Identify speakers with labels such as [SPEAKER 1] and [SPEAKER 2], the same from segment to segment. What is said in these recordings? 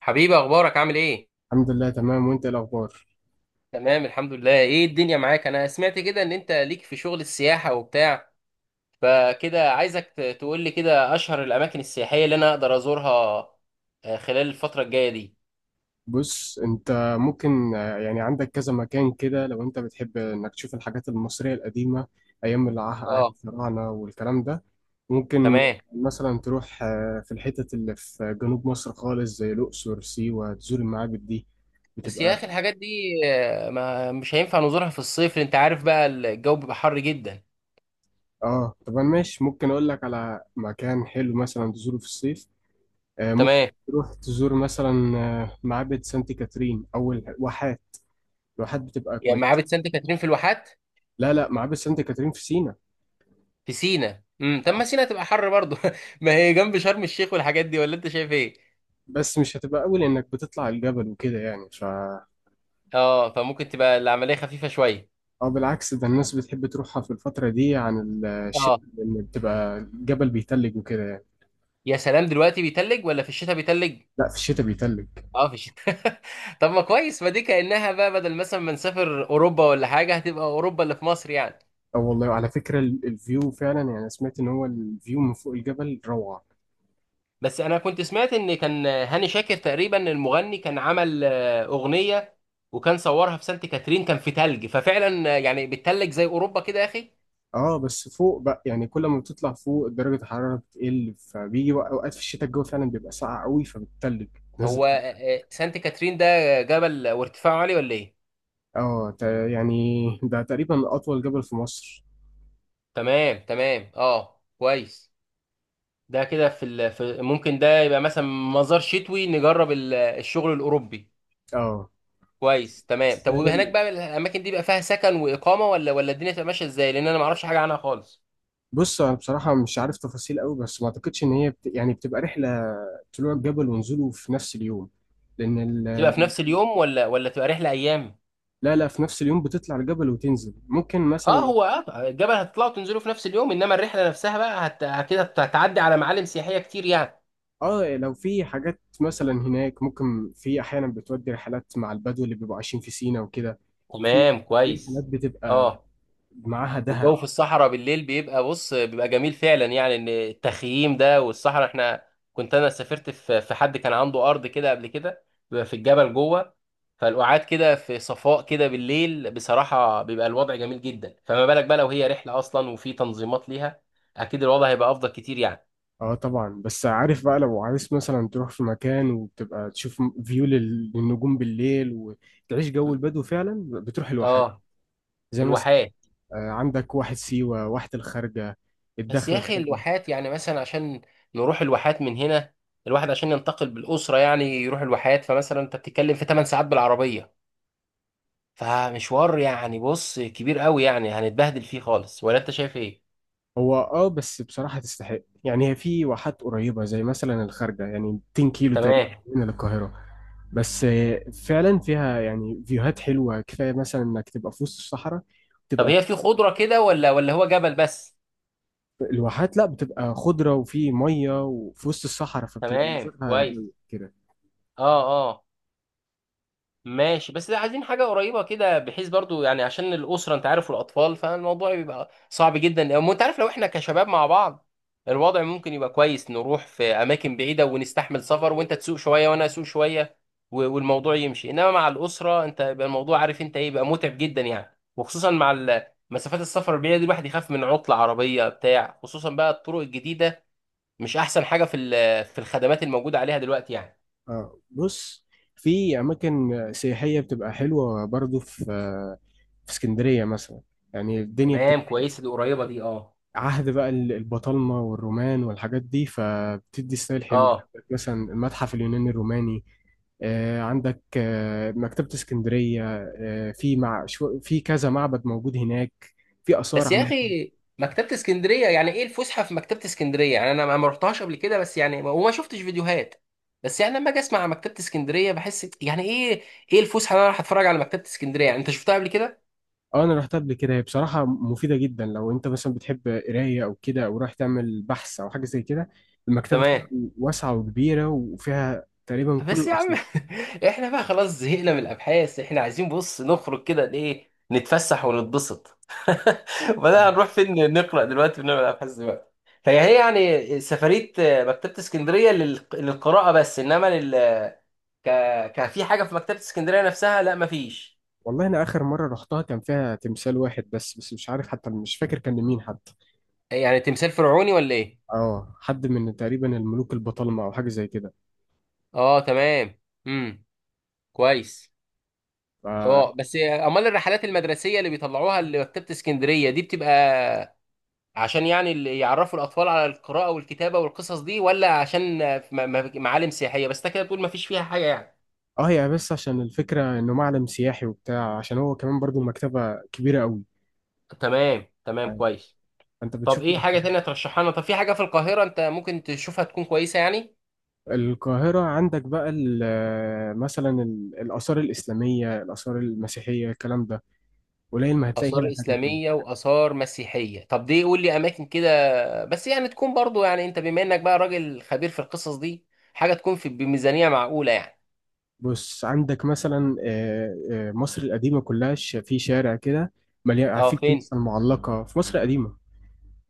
[SPEAKER 1] حبيبي، اخبارك عامل ايه؟
[SPEAKER 2] الحمد لله، تمام. وانت ايه الاخبار؟
[SPEAKER 1] تمام الحمد لله. ايه الدنيا معاك؟ انا سمعت كده ان انت ليك في شغل السياحة وبتاع، فكده عايزك تقول لي كده اشهر الاماكن السياحية اللي انا اقدر ازورها خلال الفترة الجاية دي.
[SPEAKER 2] بص انت، ممكن يعني عندك كذا مكان كده، لو انت بتحب انك تشوف الحاجات المصرية القديمة ايام عهد
[SPEAKER 1] اه
[SPEAKER 2] الفراعنة والكلام ده. ممكن
[SPEAKER 1] تمام.
[SPEAKER 2] مثلا تروح في الحتت اللي في جنوب مصر خالص، زي الاقصر، سيوة، تزور المعابد دي،
[SPEAKER 1] بس يا
[SPEAKER 2] بتبقى...
[SPEAKER 1] اخي الحاجات دي ما مش هينفع نزورها في الصيف، لأن انت عارف بقى الجو بيبقى حر جدا.
[SPEAKER 2] اه، طب انا ماشي، ممكن اقول لك على مكان حلو مثلا تزوره في الصيف. ممكن
[SPEAKER 1] تمام.
[SPEAKER 2] تروح تزور مثلا معبد سانت كاترين او الواحات. الواحات بتبقى
[SPEAKER 1] يعني
[SPEAKER 2] كويسة.
[SPEAKER 1] معابد سانت كاترين في الواحات؟
[SPEAKER 2] لا، لا، معابد سانت كاترين في سينا.
[SPEAKER 1] في سينا طب ما
[SPEAKER 2] اه،
[SPEAKER 1] سينا تبقى حر برضه ما هي جنب شرم الشيخ والحاجات دي، ولا انت شايف ايه؟
[SPEAKER 2] بس مش هتبقى أول إنك بتطلع الجبل وكده، يعني
[SPEAKER 1] اه فممكن تبقى العملية خفيفة شوية.
[SPEAKER 2] أو بالعكس، ده الناس بتحب تروحها في الفترة دي عن
[SPEAKER 1] اه،
[SPEAKER 2] الشتاء، لأن بتبقى الجبل بيتلج وكده يعني.
[SPEAKER 1] يا سلام، دلوقتي بيتلج ولا في الشتاء بيتلج؟
[SPEAKER 2] لا، في الشتاء بيتلج.
[SPEAKER 1] اه في الشتاء طب ما كويس، ما دي كأنها بقى بدل مثلا ما نسافر اوروبا ولا حاجه، هتبقى اوروبا اللي في مصر يعني.
[SPEAKER 2] أو والله، على فكرة الفيو فعلا يعني، أنا سمعت إن هو الفيو من فوق الجبل روعة.
[SPEAKER 1] بس انا كنت سمعت ان كان هاني شاكر تقريبا المغني كان عمل اغنيه وكان صورها في سانت كاترين، كان في تلج، ففعلا يعني بتتلج زي اوروبا كده يا اخي.
[SPEAKER 2] اه بس فوق بقى، يعني كل ما بتطلع فوق درجة الحرارة بتقل، فبيجي أوقات في الشتاء الجو فعلا بيبقى ساقع قوي فبتتلج
[SPEAKER 1] هو
[SPEAKER 2] نازل.
[SPEAKER 1] سانت كاترين ده جبل وارتفاعه عالي ولا ايه؟
[SPEAKER 2] اه، يعني ده تقريبا أطول جبل في مصر.
[SPEAKER 1] تمام تمام، اه كويس. ده كده في ممكن ده يبقى مثلا مزار شتوي، نجرب الشغل الاوروبي.
[SPEAKER 2] اه
[SPEAKER 1] كويس تمام.
[SPEAKER 2] بس
[SPEAKER 1] طب وهناك
[SPEAKER 2] يعني
[SPEAKER 1] بقى الاماكن دي بقى فيها سكن واقامه، ولا الدنيا تبقى ماشيه ازاي؟ لان انا ما اعرفش حاجه عنها خالص.
[SPEAKER 2] بص، انا بصراحه مش عارف تفاصيل قوي، بس ما اعتقدش ان هي يعني بتبقى رحله طلوع الجبل ونزوله في نفس اليوم، لان
[SPEAKER 1] تبقى في
[SPEAKER 2] ال...
[SPEAKER 1] نفس اليوم، ولا تبقى رحله ايام؟
[SPEAKER 2] لا، لا، في نفس اليوم بتطلع الجبل وتنزل ممكن
[SPEAKER 1] اه،
[SPEAKER 2] مثلا.
[SPEAKER 1] هو الجبل هتطلعوا تنزلوا في نفس اليوم، انما الرحله نفسها بقى كده هتعدي على معالم سياحيه كتير يعني.
[SPEAKER 2] اه لو في حاجات مثلا هناك، ممكن في احيانا بتودي رحلات مع البدو اللي بيبقوا عايشين في سينا وكده. في
[SPEAKER 1] تمام
[SPEAKER 2] في رحلات
[SPEAKER 1] كويس.
[SPEAKER 2] بتبقى
[SPEAKER 1] اه،
[SPEAKER 2] معاها
[SPEAKER 1] والجو
[SPEAKER 2] دهب.
[SPEAKER 1] في الصحراء بالليل بيبقى، بص، بيبقى جميل فعلا، يعني ان التخييم ده والصحراء، احنا كنت انا سافرت في حد كان عنده ارض كده قبل كده، بيبقى في الجبل جوه، فالقعاد كده في صفاء كده بالليل بصراحة بيبقى الوضع جميل جدا. فما بالك بقى لو هي رحلة اصلا وفي تنظيمات ليها، اكيد الوضع هيبقى افضل كتير يعني.
[SPEAKER 2] اه طبعا، بس عارف بقى، لو عايز مثلا تروح في مكان وبتبقى تشوف فيو للنجوم بالليل وتعيش جو البدو، فعلا بتروح لوحدك،
[SPEAKER 1] اه،
[SPEAKER 2] زي مثلا
[SPEAKER 1] الواحات.
[SPEAKER 2] عندك واحد سيوة، واحد الخارجة
[SPEAKER 1] بس يا
[SPEAKER 2] الدخل.
[SPEAKER 1] اخي الواحات يعني مثلا عشان نروح الواحات من هنا، الواحد عشان ينتقل بالأسرة يعني يروح الواحات، فمثلا انت بتتكلم في 8 ساعات بالعربية، فمشوار يعني، بص، كبير قوي، يعني هنتبهدل فيه خالص، ولا انت شايف ايه؟
[SPEAKER 2] هو اه، بس بصراحة تستحق يعني، هي في واحات قريبة زي مثلا الخارجة، يعني 200 كيلو تقريبا
[SPEAKER 1] تمام.
[SPEAKER 2] من القاهرة. بس فعلا فيها يعني فيوهات حلوة كفاية، مثلا انك تبقى في وسط الصحراء،
[SPEAKER 1] طب
[SPEAKER 2] تبقى في
[SPEAKER 1] هي في خضرة كده، ولا هو جبل بس؟
[SPEAKER 2] الواحات. لا، بتبقى خضرة، وفي مية، وفي وسط الصحراء، فبتبقى
[SPEAKER 1] تمام
[SPEAKER 2] منظرها
[SPEAKER 1] كويس.
[SPEAKER 2] رايق كده.
[SPEAKER 1] اه. آه. ماشي، بس عايزين حاجة قريبة كده بحيث، برضو يعني عشان الأسرة أنت عارف، والأطفال فالموضوع بيبقى صعب جدا، وأنت عارف لو إحنا كشباب مع بعض الوضع ممكن يبقى كويس، نروح في أماكن بعيدة ونستحمل سفر، وأنت تسوق شوية وأنا أسوق شوية والموضوع يمشي، إنما مع الأسرة أنت يبقى الموضوع عارف أنت إيه، يبقى متعب جدا يعني، وخصوصا مع مسافات السفر البعيدة دي، الواحد يخاف من عطلة عربية بتاع خصوصا بقى الطرق الجديدة مش أحسن حاجة في في الخدمات الموجودة عليها دلوقتي يعني.
[SPEAKER 2] آه بص، في أماكن سياحية بتبقى حلوة برضو في اسكندرية مثلا. يعني الدنيا
[SPEAKER 1] تمام
[SPEAKER 2] بتبقى
[SPEAKER 1] كويسة، دي قريبة دي، أه
[SPEAKER 2] عهد بقى البطالمة والرومان والحاجات دي، فبتدي ستايل حلو.
[SPEAKER 1] أه.
[SPEAKER 2] مثلا المتحف اليوناني الروماني، عندك مكتبة اسكندرية. في كذا معبد موجود هناك، في آثار
[SPEAKER 1] بس يا
[SPEAKER 2] عم...
[SPEAKER 1] اخي مكتبة اسكندرية، يعني ايه الفسحة في مكتبة اسكندرية؟ يعني انا ما رحتهاش قبل كده، بس يعني وما شفتش فيديوهات، بس يعني لما اجي اسمع عن مكتبة اسكندرية بحس يعني ايه الفسحة اللي انا راح اتفرج على مكتبة اسكندرية يعني؟ انت شفتها قبل كده؟
[SPEAKER 2] اه انا رحتها قبل كده، هي بصراحة مفيدة جدا لو انت مثلا بتحب قراية او كده، او رايح تعمل بحث او حاجة زي كده. المكتبة فيها
[SPEAKER 1] تمام.
[SPEAKER 2] واسعة وكبيرة، وفيها تقريبا كل
[SPEAKER 1] بس يا عم
[SPEAKER 2] الأصناف.
[SPEAKER 1] احنا بقى خلاص زهقنا من الابحاث، احنا عايزين، بص، نخرج كده ايه، نتفسح ونتبسط. وبعدين
[SPEAKER 2] أيوة.
[SPEAKER 1] هنروح فين؟ نقرأ دلوقتي ونعمل ابحاث دلوقتي؟ فهي يعني سفرية مكتبة اسكندرية للقراءة بس، انما ك... كان في حاجه في مكتبه اسكندريه نفسها لا مفيش؟
[SPEAKER 2] والله انا اخر مرة رحتها كان فيها تمثال واحد بس، مش عارف حتى، مش فاكر كان لمين حتى.
[SPEAKER 1] يعني تمثال فرعوني ولا ايه؟
[SPEAKER 2] اه، حد من تقريبا الملوك البطالمة او حاجه زي كده.
[SPEAKER 1] اه تمام، امم كويس.
[SPEAKER 2] ف...
[SPEAKER 1] اه بس امال الرحلات المدرسيه اللي بيطلعوها لمكتبه اسكندريه دي بتبقى عشان يعني اللي يعرفوا الاطفال على القراءه والكتابه والقصص دي، ولا عشان معالم سياحيه بس؟ انت كده بتقول مفيش فيها حاجه يعني؟
[SPEAKER 2] اه، هي بس عشان الفكره انه معلم سياحي وبتاع، عشان هو كمان برضو مكتبه كبيره قوي،
[SPEAKER 1] تمام تمام
[SPEAKER 2] يعني
[SPEAKER 1] كويس.
[SPEAKER 2] انت
[SPEAKER 1] طب
[SPEAKER 2] بتشوف.
[SPEAKER 1] ايه حاجه تانية ترشحها لنا؟ طب في حاجه في القاهره انت ممكن تشوفها تكون كويسه يعني؟
[SPEAKER 2] القاهره عندك بقى مثلا الاثار الاسلاميه، الاثار المسيحيه، الكلام ده. قليل ما هتلاقي
[SPEAKER 1] آثار
[SPEAKER 2] هنا حاجه
[SPEAKER 1] إسلامية
[SPEAKER 2] تانية.
[SPEAKER 1] وآثار مسيحية؟ طب دي قول لي أماكن كده، بس يعني تكون برضو، يعني أنت بما إنك بقى راجل خبير في القصص دي، حاجة تكون في بميزانية معقولة يعني.
[SPEAKER 2] بص عندك مثلا مصر القديمه كلها، في شارع كده مليان، في
[SPEAKER 1] أه، فين؟
[SPEAKER 2] الكنيسه المعلقه في مصر القديمه،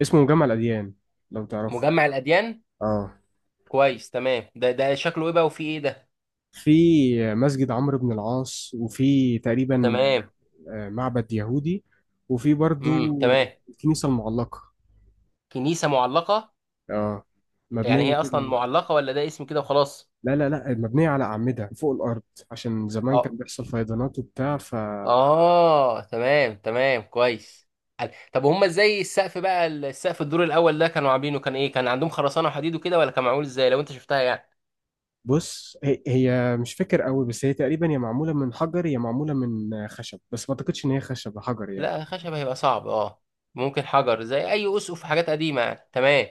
[SPEAKER 2] اسمه جامع الاديان لو تعرفه.
[SPEAKER 1] مجمع الأديان؟
[SPEAKER 2] اه،
[SPEAKER 1] كويس تمام. ده شكله إيه بقى وفيه إيه ده؟
[SPEAKER 2] في مسجد عمرو بن العاص، وفي تقريبا
[SPEAKER 1] تمام،
[SPEAKER 2] معبد يهودي، وفي برضو
[SPEAKER 1] تمام.
[SPEAKER 2] الكنيسة المعلقة.
[SPEAKER 1] كنيسة معلقة؟
[SPEAKER 2] اه،
[SPEAKER 1] يعني
[SPEAKER 2] مبنية
[SPEAKER 1] هي أصلا
[SPEAKER 2] كده.
[SPEAKER 1] معلقة، ولا ده اسم كده وخلاص؟
[SPEAKER 2] لا، لا، لا، مبنية على أعمدة فوق الأرض، عشان زمان
[SPEAKER 1] أه.
[SPEAKER 2] كان بيحصل فيضانات وبتاع، فبص.
[SPEAKER 1] آه تمام تمام كويس. طب هما ازاي السقف بقى، السقف الدور الاول ده كانوا عاملينه كان ايه، كان عندهم خرسانه وحديد وكده، ولا كان معمول ازاي لو انت شفتها يعني؟
[SPEAKER 2] هي مش فاكر قوي، بس هي تقريبا يا معمولة من حجر يا معمولة من خشب، بس ما أعتقدش إن هي خشب، حجر يعني.
[SPEAKER 1] لا خشب هيبقى صعب، اه. ممكن حجر زي اي اسقف حاجات قديمه يعني. تمام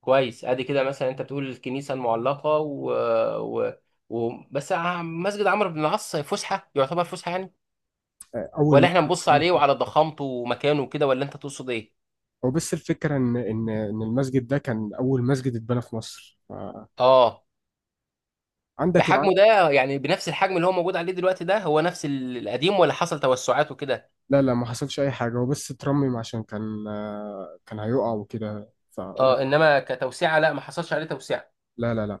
[SPEAKER 1] كويس. ادي كده، مثلا انت بتقول الكنيسه المعلقه و... بس مسجد عمرو بن العاص فسحه؟ يعتبر فسحه يعني،
[SPEAKER 2] أول
[SPEAKER 1] ولا احنا
[SPEAKER 2] مسجد
[SPEAKER 1] نبص
[SPEAKER 2] اتبنى
[SPEAKER 1] عليه
[SPEAKER 2] في مصر.
[SPEAKER 1] وعلى ضخامته ومكانه وكده، ولا انت تقصد ايه؟
[SPEAKER 2] هو بس الفكرة إن المسجد ده كان أول مسجد اتبنى في مصر.
[SPEAKER 1] اه.
[SPEAKER 2] فعندك
[SPEAKER 1] بحجمه
[SPEAKER 2] لو...
[SPEAKER 1] ده يعني، بنفس الحجم اللي هو موجود عليه دلوقتي ده هو نفس القديم، ولا حصل توسعات وكده؟
[SPEAKER 2] لا، لا، ما حصلش اي حاجه، هو بس اترمم عشان كان كان هيقع وكده، فقرب.
[SPEAKER 1] اه، انما كتوسعه لا ما حصلش عليه توسعه؟
[SPEAKER 2] لا، لا، لا.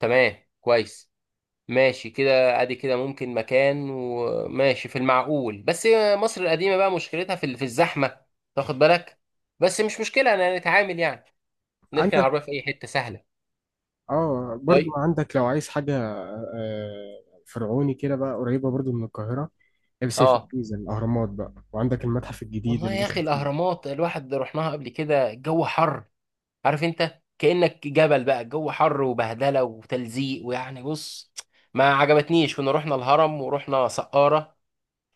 [SPEAKER 1] تمام كويس. ماشي كده، ادي كده ممكن مكان وماشي في المعقول. بس مصر القديمة بقى مشكلتها في الزحمة، تاخد بالك؟ بس مش مشكلة، انا نتعامل يعني، نركن
[SPEAKER 2] عندك،
[SPEAKER 1] العربية في اي حتة سهلة.
[SPEAKER 2] اه، برضو
[SPEAKER 1] طيب.
[SPEAKER 2] عندك لو عايز حاجه آه، فرعوني كده بقى، قريبه برضو من القاهره. هي، بس هي في
[SPEAKER 1] اه،
[SPEAKER 2] الجيزه، الاهرامات بقى، وعندك المتحف الجديد
[SPEAKER 1] والله
[SPEAKER 2] اللي
[SPEAKER 1] يا اخي
[SPEAKER 2] لسه فيه.
[SPEAKER 1] الاهرامات الواحد رحناها قبل كده، الجو حر، عارف انت، كأنك جبل بقى، الجو حر وبهدلة وتلزيق، ويعني، بص، ما عجبتنيش. كنا رحنا الهرم ورحنا سقارة،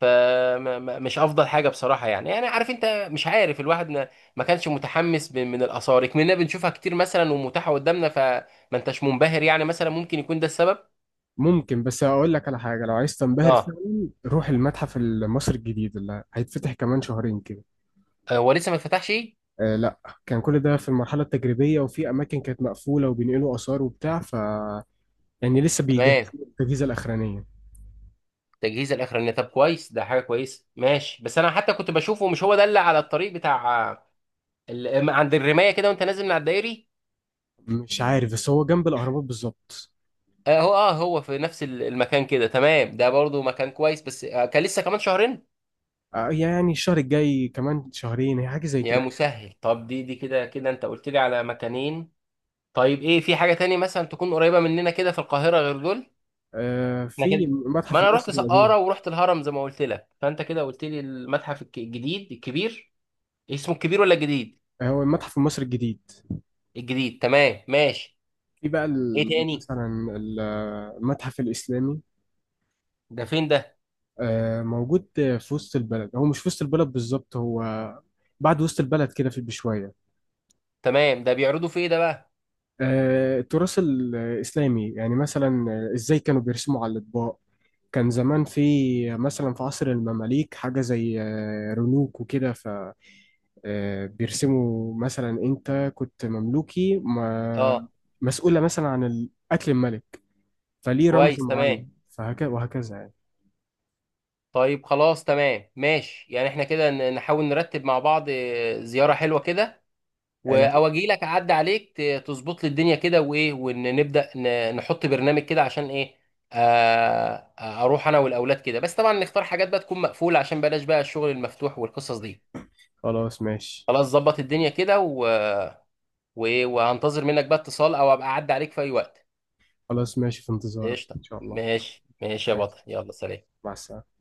[SPEAKER 1] فمش افضل حاجه بصراحه يعني. يعني عارف انت، مش عارف، الواحد ما كانش متحمس من الاثار، كنا بنشوفها كتير مثلا ومتاحه قدامنا، فما انتش منبهر يعني، مثلا ممكن يكون ده السبب.
[SPEAKER 2] ممكن، بس اقول لك على حاجه، لو عايز تنبهر
[SPEAKER 1] اه،
[SPEAKER 2] فعلا روح المتحف المصري الجديد اللي هيتفتح كمان شهرين كده.
[SPEAKER 1] هو لسه ما اتفتحش؟
[SPEAKER 2] آه لا، كان كل ده في المرحله التجريبيه، وفي اماكن كانت مقفوله وبينقلوا اثار وبتاع، ف يعني لسه
[SPEAKER 1] تمام.
[SPEAKER 2] بيجهزوا التجهيزه الاخرانيه.
[SPEAKER 1] تجهيز الاخراني، طب كويس، ده حاجه كويسه. ماشي. بس انا حتى كنت بشوفه، مش هو ده اللي على الطريق بتاع عند الرمايه كده وانت نازل من على الدائري؟
[SPEAKER 2] مش عارف، بس هو جنب الأهرامات بالظبط.
[SPEAKER 1] هو في نفس المكان كده؟ تمام، ده برضو مكان كويس، بس كان لسه كمان شهرين.
[SPEAKER 2] يعني الشهر الجاي، كمان شهرين، هي حاجة زي
[SPEAKER 1] يا
[SPEAKER 2] كده.
[SPEAKER 1] مسهل. طب دي كده كده انت قلت لي على مكانين. طيب ايه، في حاجة تاني مثلا تكون قريبة مننا كده في القاهرة غير دول؟ احنا
[SPEAKER 2] في
[SPEAKER 1] كده ما
[SPEAKER 2] المتحف
[SPEAKER 1] انا رحت
[SPEAKER 2] المصري القديم.
[SPEAKER 1] سقارة ورحت الهرم زي ما قلت لك، فانت كده قلت لي المتحف الجديد الكبير، اسمه الكبير ولا الجديد؟
[SPEAKER 2] هو المتحف المصري الجديد.
[SPEAKER 1] الجديد، تمام ماشي.
[SPEAKER 2] في بقى
[SPEAKER 1] ايه تاني؟
[SPEAKER 2] مثلا المتحف الإسلامي.
[SPEAKER 1] ده فين ده؟
[SPEAKER 2] موجود في وسط البلد، هو مش في وسط البلد بالظبط، هو بعد وسط البلد كده في بشوية.
[SPEAKER 1] تمام، ده بيعرضوا في ايه ده بقى؟
[SPEAKER 2] التراث الإسلامي، يعني مثلا إزاي كانوا بيرسموا على الأطباق. كان زمان في، مثلا في عصر المماليك، حاجة زي رنوك وكده. بيرسموا مثلا انت كنت مملوكي ما
[SPEAKER 1] اه
[SPEAKER 2] مسؤولة مثلا عن قتل الملك، فليه رمز
[SPEAKER 1] كويس تمام.
[SPEAKER 2] معين، فهكذا وهكذا يعني.
[SPEAKER 1] طيب خلاص تمام، ماشي يعني احنا كده نحاول نرتب مع بعض زيارة حلوة كده،
[SPEAKER 2] انا،
[SPEAKER 1] او اجي لك اعدي عليك تظبط لي الدنيا كده وايه، ونبدا نحط برنامج كده، عشان ايه اروح انا والاولاد كده، بس طبعا نختار حاجات بقى تكون مقفوله، عشان بلاش بقى الشغل المفتوح والقصص دي.
[SPEAKER 2] خلاص ماشي.
[SPEAKER 1] خلاص. ظبط الدنيا كده وهنتظر منك بقى اتصال، او ابقى اعدي عليك في اي وقت.
[SPEAKER 2] خلاص ماشي، في انتظارك
[SPEAKER 1] قشطه.
[SPEAKER 2] ان شاء الله.
[SPEAKER 1] ماشي ماشي يا
[SPEAKER 2] ماشي.
[SPEAKER 1] بطل، يلا سلام.
[SPEAKER 2] مع السلامة.